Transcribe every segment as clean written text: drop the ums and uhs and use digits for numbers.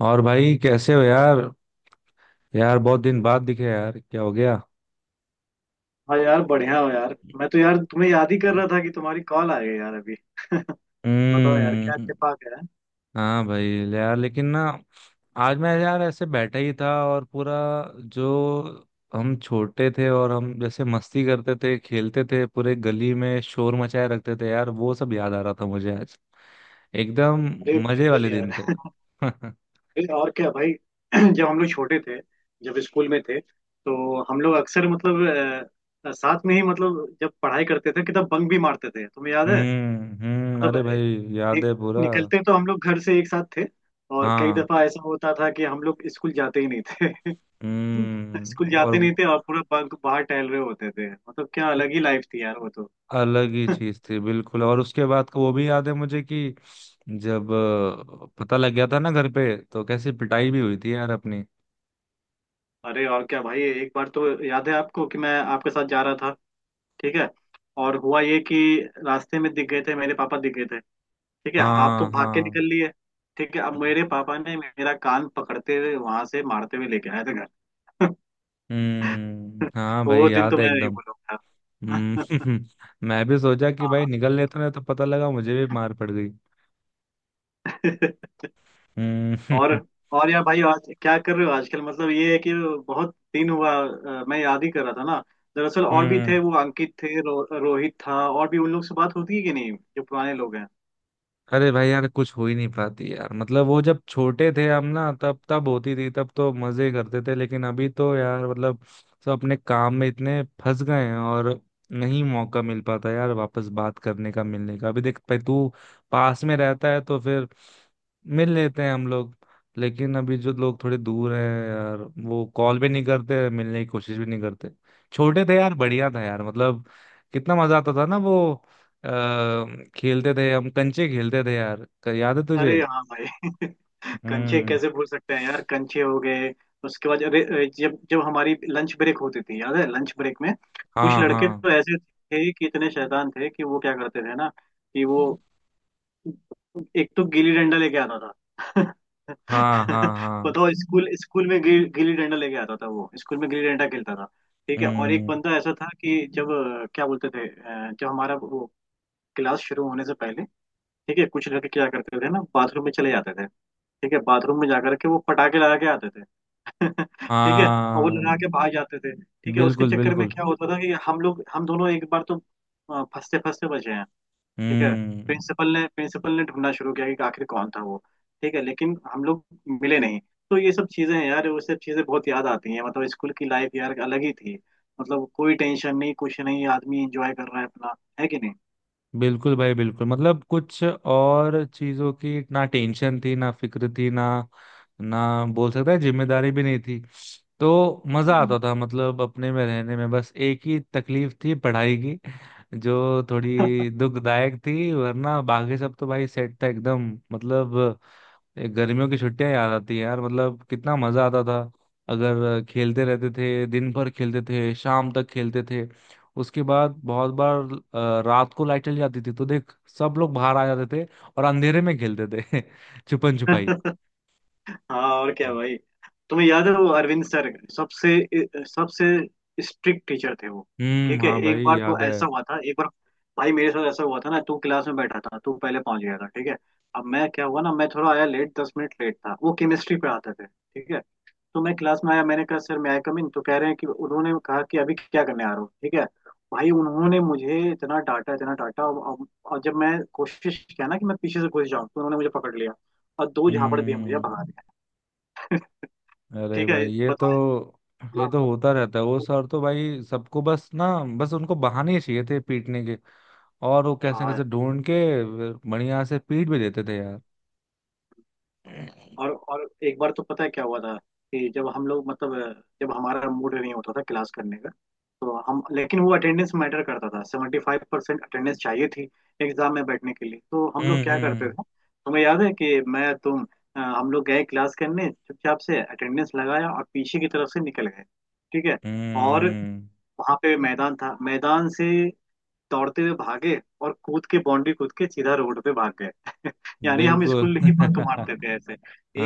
और भाई कैसे हो यार? यार बहुत दिन बाद दिखे यार, क्या हो गया? हाँ यार बढ़िया हो यार, मैं तो यार तुम्हें याद ही कर रहा था कि तुम्हारी कॉल आ गई यार अभी। बताओ यार, हम्म। क्या छिपा गया है? हाँ भाई। यार लेकिन ना। आज मैं यार ऐसे बैठा ही था और पूरा, जो हम छोटे थे और हम जैसे मस्ती करते थे, खेलते थे, पूरे गली में शोर मचाए रखते थे यार, वो सब याद आ रहा था मुझे आज। एकदम। अरे मजे बिल्कुल वाले दिन थे। यार। हम्म। अरे और क्या भाई। जब हम लोग छोटे थे, जब स्कूल में थे, तो हम लोग अक्सर मतलब साथ में ही, मतलब जब पढ़ाई करते थे कि तब बंक भी मारते थे, तुम्हें याद है। हम्म, मतलब अरे भाई, नि, याद है पूरा। निकलते तो हम लोग घर से एक साथ थे, और कई हाँ। दफा ऐसा होता था कि हम लोग स्कूल जाते ही नहीं थे। हम्म, स्कूल और। जाते नहीं थे और पूरा बंक बाहर टहल रहे होते थे। मतलब क्या अलग ही लाइफ थी यार वो तो। अलग ही चीज थी बिल्कुल, और उसके बाद का वो भी याद है मुझे कि जब पता लग गया था ना घर पे, तो कैसी पिटाई भी हुई थी यार अपनी। अरे और क्या भाई, एक बार तो याद है आपको कि मैं आपके साथ जा रहा था, ठीक है, और हुआ ये कि रास्ते में दिख गए थे, मेरे पापा दिख गए थे। ठीक है, आप तो हाँ भाग के हाँ। निकल लिए। ठीक है, अब मेरे पापा ने मेरा कान पकड़ते हुए वहां से मारते हुए लेके आए थे घर। हम्म, हाँ भाई, वो दिन याद तो है मैं नहीं एकदम। भूलूंगा। हम्म। मैं भी सोचा कि भाई निकल लेते ना, तो पता लगा मुझे भी मार पड़ गई। हाँ। और हम्म। और यार भाई आज क्या कर रहे हो आजकल? मतलब ये है कि बहुत दिन हुआ, मैं याद ही कर रहा था ना। दरअसल और भी हम्म। थे, वो अंकित थे, रोहित था, और भी उन लोग से बात होती है कि नहीं, जो पुराने लोग हैं। अरे भाई यार, कुछ हो ही नहीं पाती यार, मतलब वो जब छोटे थे हम ना, तब तब होती थी, तब तो मजे करते थे, लेकिन अभी तो यार, मतलब। सब अपने काम में इतने फंस गए हैं, और। नहीं मौका मिल पाता यार वापस बात करने का, मिलने का। अभी देख भाई, तू पास में रहता है तो फिर मिल लेते हैं हम लोग। लेकिन अभी जो लोग थोड़े दूर हैं यार, वो कॉल भी नहीं करते, मिलने की कोशिश भी नहीं करते। छोटे थे यार, बढ़िया था यार, मतलब। कितना मजा आता था ना, वो। अ, खेलते थे हम, कंचे खेलते थे यार, याद है तुझे? अरे हाँ भाई। कंचे हम्म। कैसे भूल सकते हैं यार, कंचे हो गए। उसके बाद अरे अरे, जब जब हमारी लंच ब्रेक होती थी, याद है, लंच ब्रेक में कुछ हाँ, लड़के हाँ, तो ऐसे थे कि इतने शैतान थे कि वो क्या करते थे ना, कि वो एक तो गिल्ली डंडा लेके आता था। हाँ, हाँ, हाँ। बताओ, स्कूल स्कूल में गिल्ली डंडा लेके आता था, वो स्कूल में गिल्ली डंडा खेलता था। ठीक है, और एक हम्म, बंदा ऐसा था कि जब क्या बोलते थे, जब हमारा वो क्लास शुरू होने से पहले, ठीक है, कुछ लड़के क्या करते थे ना, बाथरूम में चले जाते थे। ठीक है, बाथरूम में जाकर के वो पटाखे लगा के आते थे। ठीक है, और वो लगा हाँ। के भाग जाते थे। ठीक है, उसके बिल्कुल चक्कर में बिल्कुल। क्या होता था कि हम लोग, हम दोनों एक बार तो फंसते फंसते बचे हैं। ठीक है। हम्म। प्रिंसिपल ने ढूंढना शुरू किया कि आखिर कौन था वो। ठीक है, लेकिन हम लोग मिले नहीं। तो ये सब चीजें हैं यार, वो सब चीजें बहुत याद आती हैं। मतलब स्कूल की लाइफ यार अलग ही थी। मतलब कोई टेंशन नहीं, कुछ नहीं, आदमी एंजॉय कर रहा है अपना, है कि नहीं। बिल्कुल भाई बिल्कुल, मतलब कुछ और चीजों की ना टेंशन थी, ना फिक्र थी, ना ना बोल सकता है, जिम्मेदारी भी नहीं थी। तो मजा आता था, मतलब अपने में रहने में, बस एक ही तकलीफ थी पढ़ाई की, जो थोड़ी दुखदायक थी, वरना बाकी सब तो भाई सेट था एकदम, मतलब। ये गर्मियों की छुट्टियां याद आती है यार, मतलब कितना मजा आता था। अगर खेलते रहते थे, दिन भर खेलते थे, शाम तक खेलते थे। उसके बाद बहुत बार, रात को लाइट चली जाती थी, तो देख सब लोग बाहर आ जाते थे, और अंधेरे में खेलते थे छुपन छुपाई। हम्म। हाँ, और क्या भाई, तुम्हें याद है वो अरविंद सर, सबसे सबसे स्ट्रिक्ट टीचर थे वो। हम्म, ठीक है, हाँ एक भाई, बार तो याद है। ऐसा हुआ था, एक बार भाई मेरे साथ ऐसा हुआ था ना, तू क्लास में बैठा था, तू पहले पहुंच गया था। ठीक है, अब मैं, क्या हुआ ना, मैं थोड़ा आया लेट, 10 मिनट लेट था। वो केमिस्ट्री पढ़ाते थे। ठीक है, तो मैं क्लास में आया, मैंने कहा सर, मैं आई कम इन? तो कह रहे हैं कि, उन्होंने कहा कि अभी क्या करने आ रहा हूँ। ठीक है, भाई उन्होंने मुझे इतना डांटा, इतना डांटा, और जब मैं कोशिश किया ना कि मैं पीछे से घुस जाऊं, तो उन्होंने मुझे पकड़ लिया और 2 झापड़ दिए मुझे हम्म, भगा। अरे ठीक है। भाई, बताओ। ये हाँ, तो होता रहता है, वो सर तो भाई सबको, बस ना। बस उनको बहाने चाहिए थे पीटने के, और वो कैसे हाँ। कैसे ढूंढ के बढ़िया से पीट भी देते थे यार। और एक बार तो पता है क्या हुआ था, कि जब हम लोग मतलब जब हमारा मूड नहीं होता था क्लास करने का, तो हम लेकिन वो अटेंडेंस मैटर करता था, 75% अटेंडेंस चाहिए थी एग्जाम में बैठने के लिए, तो हम लोग क्या करते हम्म। थे, तुम्हें याद है कि मैं तुम हम लोग गए क्लास करने, चुपचाप से अटेंडेंस लगाया और पीछे की तरफ से निकल गए। ठीक है, और हम्म, वहाँ पे मैदान था, मैदान से दौड़ते हुए भागे और कूद के बाउंड्री कूद के सीधा रोड पे भाग गए। यानी हम बिल्कुल। स्कूल ही बंक मारते थे ऐसे।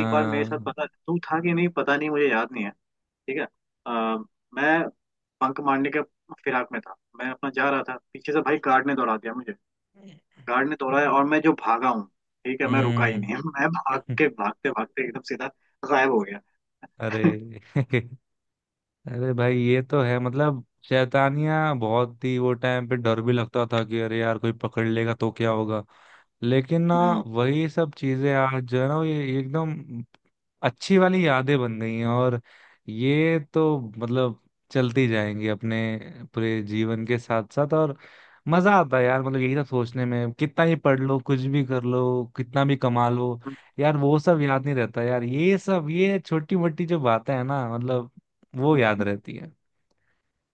एक बार मेरे साथ, पता तू था कि नहीं, पता नहीं, मुझे याद नहीं है। ठीक है, आ, मैं बंक मारने के फिराक में था, मैं अपना जा रहा था, पीछे से भाई गार्ड ने दौड़ा दिया मुझे। गार्ड ने दौड़ाया और मैं जो भागा हूँ, ठीक है, मैं रुका ही हम्म। नहीं। मैं भाग के, भागते भागते एकदम सीधा गायब हो गया। अरे। अरे भाई ये तो है, मतलब शैतानियां बहुत, ही वो टाइम पे डर भी लगता था कि अरे यार कोई पकड़ लेगा तो क्या होगा। लेकिन ना हम्म। वही सब चीजें आज जो है ना, ये एकदम अच्छी वाली यादें बन गई हैं, और ये तो मतलब चलती जाएंगी अपने पूरे जीवन के साथ साथ, और मजा आता है यार, मतलब यही सब सोचने में, कितना ही पढ़ लो, कुछ भी कर लो, कितना भी कमा लो हम्म, यार, वो सब याद नहीं रहता यार, ये सब ये छोटी मोटी जो बातें हैं ना, मतलब वो याद हम्म। रहती है।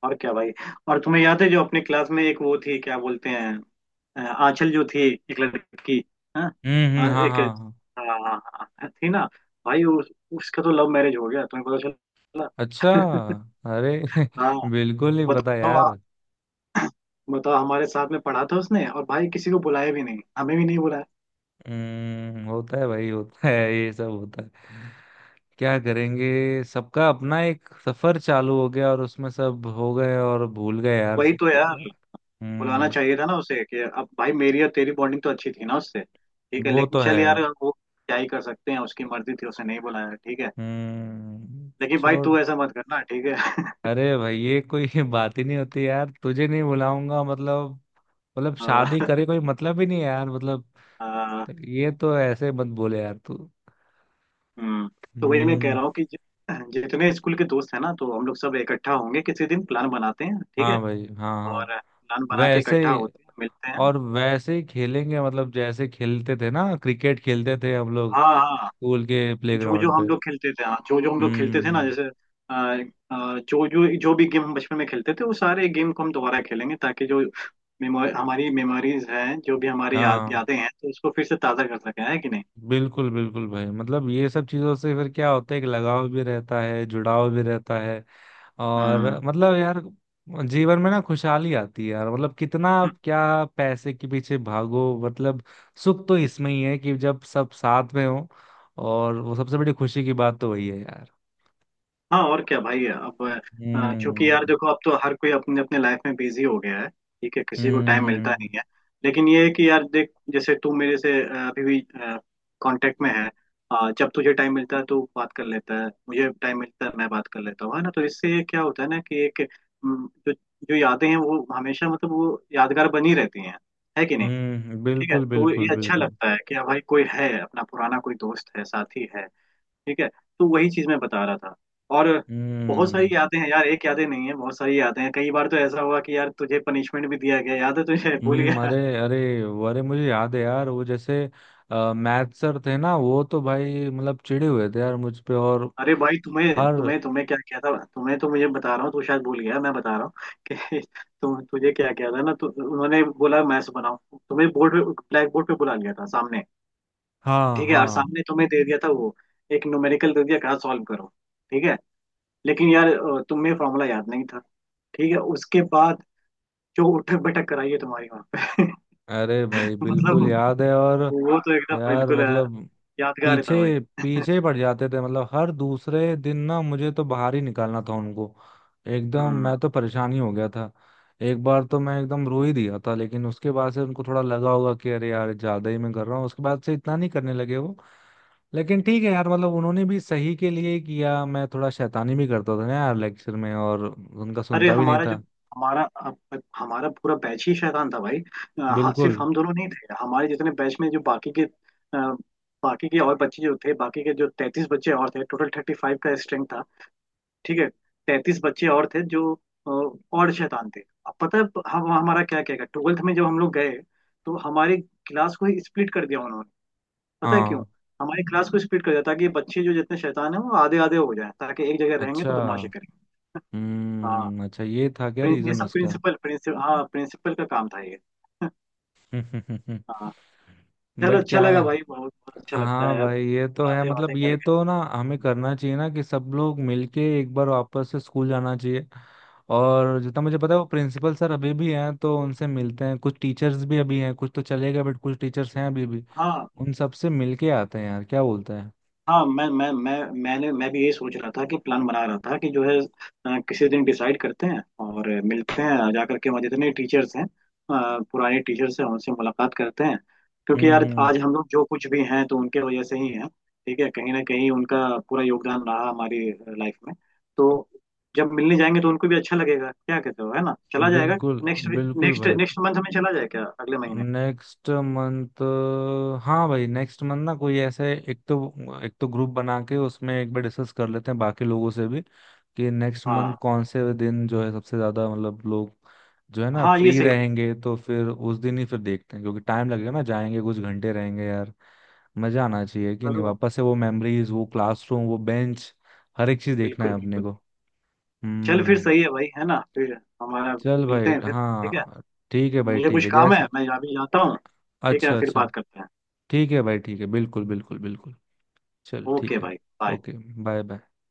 और क्या भाई, और तुम्हें याद है जो अपने क्लास में एक वो थी, क्या बोलते हैं, आंचल जो थी, एक लड़की, हाँ। हाँ, हाँ एक, हाँ हाँ। हाँ, हाँ, हाँ, थी ना। भाई उसका तो लव मैरिज हो गया, तुम्हें पता चला? अच्छा। अरे हाँ। बिल्कुल नहीं पता बताओ, यार। बताओ, हमारे साथ में पढ़ा था उसने, और भाई किसी को बुलाया भी नहीं, हमें भी नहीं बुलाया। हम्म, होता है भाई, होता है, ये सब होता है। क्या करेंगे, सबका अपना एक सफर चालू हो गया, और उसमें सब हो गए और भूल गए यार वही तो सबको। यार, बुलाना हम्म। चाहिए था ना उसे, कि अब भाई मेरी और तेरी बॉन्डिंग तो अच्छी थी ना उससे। ठीक है, वो लेकिन तो है चल यार। यार, वो क्या ही कर सकते हैं, उसकी मर्जी थी, उसे नहीं बुलाया। ठीक है, हम्म। लेकिन भाई, छोड़। तू ऐसा मत करना। ठीक है। अरे भाई, ये कोई बात ही नहीं होती यार, तुझे नहीं बुलाऊंगा मतलब, मतलब शादी करे कोई, मतलब ही नहीं है यार मतलब। आ, तो ये तो ऐसे मत बोले यार तू। हम्म। तो वही मैं कह हम्म। रहा हूँ कि जितने स्कूल के दोस्त हैं ना, तो हम लोग सब इकट्ठा होंगे, किसी दिन प्लान बनाते हैं। ठीक है, हाँ भाई, हाँ और हाँ। प्लान बना के वैसे इकट्ठा ही, होते हैं, मिलते हैं। और वैसे ही खेलेंगे, मतलब जैसे खेलते थे ना, क्रिकेट खेलते थे हम लोग हाँ, हाँ। स्कूल के जो जो प्लेग्राउंड हम पे। लोग खेलते थे, हाँ, जो जो हम लोग खेलते थे ना, हम्म। जैसे अ, जो जो जो भी गेम हम बचपन में खेलते थे, वो सारे गेम को हम दोबारा खेलेंगे, ताकि जो मेमोरी हमारी मेमोरीज हैं, जो भी हमारी हाँ। यादें हैं, तो उसको फिर से ताज़ा कर सके, है कि नहीं। बिल्कुल बिल्कुल भाई, मतलब ये सब चीजों से फिर क्या होता है कि लगाव भी रहता है, जुड़ाव भी रहता है, हम्म। और मतलब यार जीवन में ना खुशहाली आती है यार, मतलब कितना आप क्या पैसे के पीछे भागो, मतलब सुख तो इसमें ही है कि जब सब साथ में हो, और वो सबसे बड़ी खुशी की बात तो वही है यार। हाँ, और क्या भाई अब, क्योंकि यार हम्म देखो, अब तो हर कोई अपने अपने लाइफ में बिजी हो गया है। ठीक है, किसी को टाइम मिलता नहीं हम्म। है। लेकिन ये है कि यार देख, जैसे तू मेरे से अभी भी कांटेक्ट में है, जब तुझे टाइम मिलता है तो बात कर लेता है, मुझे टाइम मिलता है मैं बात कर लेता हूँ, है ना, तो इससे ये क्या होता है ना, कि एक जो जो यादें हैं, वो हमेशा, मतलब वो यादगार बनी रहती हैं, है कि नहीं। हम्म, ठीक है, बिल्कुल तो ये बिल्कुल अच्छा बिल्कुल। लगता है कि हाँ भाई कोई है अपना, पुराना कोई दोस्त है, साथी है। ठीक है, तो वही चीज मैं बता रहा था। और बहुत सारी हम्म। यादें हैं यार, एक यादें नहीं है, बहुत सारी यादें हैं। कई बार तो ऐसा हुआ कि यार तुझे पनिशमेंट भी दिया गया, याद है तुझे? भूल हम्म, गया? अरे अरे। अरे मुझे याद है यार, वो जैसे मैथ सर थे ना, वो तो भाई मतलब चिढ़े हुए थे यार मुझ पे, और अरे भाई तुम्हें हर तुम्हें तुम्हें क्या किया था, तुम्हें तो मुझे बता रहा हूँ, तू शायद भूल गया, मैं बता रहा हूँ कि तुम तुझे क्या किया था ना, तो उन्होंने बोला मैथ्स बनाओ, तुम्हें बोर्ड पे, ब्लैक बोर्ड पे बुला लिया था सामने। हाँ ठीक है, और हाँ। सामने तुम्हें दे दिया था वो, एक न्यूमेरिकल दे दिया, कहा सॉल्व करो। ठीक है, लेकिन यार तुम्हें फॉर्मूला याद नहीं था। ठीक है, उसके बाद जो उठक बैठक कराई है तुम्हारी वहां पे। अरे भाई मतलब बिल्कुल याद है, और वो तो एकदम यार बिल्कुल मतलब यादगार पीछे था भाई। पीछे ही पड़ जाते थे, मतलब हर दूसरे दिन ना, मुझे तो बाहर ही निकालना था उनको, एकदम। मैं हम्म। तो परेशान ही हो गया था। एक बार तो मैं एकदम रो ही दिया था, लेकिन उसके बाद से उनको थोड़ा लगा होगा कि अरे यार ज्यादा ही मैं कर रहा हूँ, उसके बाद से इतना नहीं करने लगे वो। लेकिन ठीक है यार, मतलब उन्होंने भी सही के लिए ही किया, मैं थोड़ा शैतानी भी करता था ना यार लेक्चर में, और उनका अरे सुनता भी नहीं हमारा जो, था। हमारा पूरा बैच ही शैतान था भाई। हाँ, बिल्कुल। सिर्फ हम दोनों नहीं थे, हमारे जितने बैच में जो बाकी के बाकी के और बच्चे जो थे, बाकी के जो 33 बच्चे और थे, टोटल 35 का स्ट्रेंथ था। ठीक है, 33 बच्चे और थे जो अ, और शैतान थे। अब पता है, हम हमारा क्या क्या क्या, ट्वेल्थ में जब हम लोग गए, तो हमारी क्लास को ही स्प्लिट कर दिया उन्होंने। पता है क्यों? हाँ। हमारी क्लास को स्प्लिट कर दिया ताकि बच्चे जो जितने शैतान हैं वो आधे आधे हो जाएं, ताकि एक जगह रहेंगे अच्छा। तो बदमाशी करेंगे। हाँ, हम्म, अच्छा, ये था क्या ये रीजन सब उसका? प्रिंसिपल, हाँ, प्रिंसिपल का काम था ये। हाँ। चलो बट अच्छा क्या है। लगा भाई, बहुत बहुत अच्छा लगता हाँ है अब भाई ये तो है, बातें, बातें मतलब ये करके। तो ना हमें करना चाहिए ना कि सब लोग मिलके एक बार वापस से स्कूल जाना चाहिए। और जितना मुझे पता है वो प्रिंसिपल सर अभी भी हैं, तो उनसे मिलते हैं, कुछ टीचर्स भी अभी हैं, कुछ तो चले गए, बट कुछ टीचर्स हैं अभी भी। हाँ, उन सबसे मिलके आते हैं यार, क्या बोलते हैं? हाँ। मैंने, मैं भी यही सोच रहा था, कि प्लान बना रहा था, कि जो है किसी दिन डिसाइड करते हैं और मिलते हैं, जा करके वहाँ जितने टीचर्स हैं, पुराने टीचर्स हैं, उनसे मुलाकात करते हैं। क्योंकि यार, हम्म। आज हम लोग जो कुछ भी हैं तो उनके वजह से ही हैं। ठीक है, कहीं ना कहीं उनका पूरा योगदान रहा हमारी लाइफ में। तो जब मिलने जाएंगे तो उनको भी अच्छा लगेगा, क्या कहते हो, है ना, चला जाएगा। बिल्कुल नेक्स्ट बिल्कुल नेक्स्ट भाई। नेक्स्ट मंथ में चला जाए क्या, अगले महीने? Next month. हाँ भाई, नेक्स्ट मंथ ना कोई ऐसे, एक तो ग्रुप बना के उसमें एक बार डिस्कस कर लेते हैं बाकी लोगों से भी, कि नेक्स्ट मंथ हाँ, कौन से दिन जो है सबसे ज्यादा, मतलब लोग जो है ना हाँ, ये फ्री सही रहेगा। रहेंगे, तो फिर उस दिन ही फिर देखते हैं, क्योंकि टाइम लगेगा ना, जाएंगे कुछ घंटे रहेंगे यार। मजा आना चाहिए कि नहीं, चलो, वापस से वो मेमोरीज, वो क्लासरूम, वो बेंच, हर एक चीज देखना है बिल्कुल अपने बिल्कुल। को। चल, फिर हम्म। सही है भाई, है ना, फिर हमारा चल मिलते भाई, हैं फिर। ठीक है, हाँ। ठीक है भाई, मुझे ठीक कुछ है, काम है, जैसे। मैं अभी जाता हूँ। ठीक है, अच्छा फिर अच्छा। बात करते हैं। ठीक है भाई, ठीक है, बिल्कुल बिल्कुल बिल्कुल। चल ओके ठीक है। भाई। बाय। ओके। Bye bye.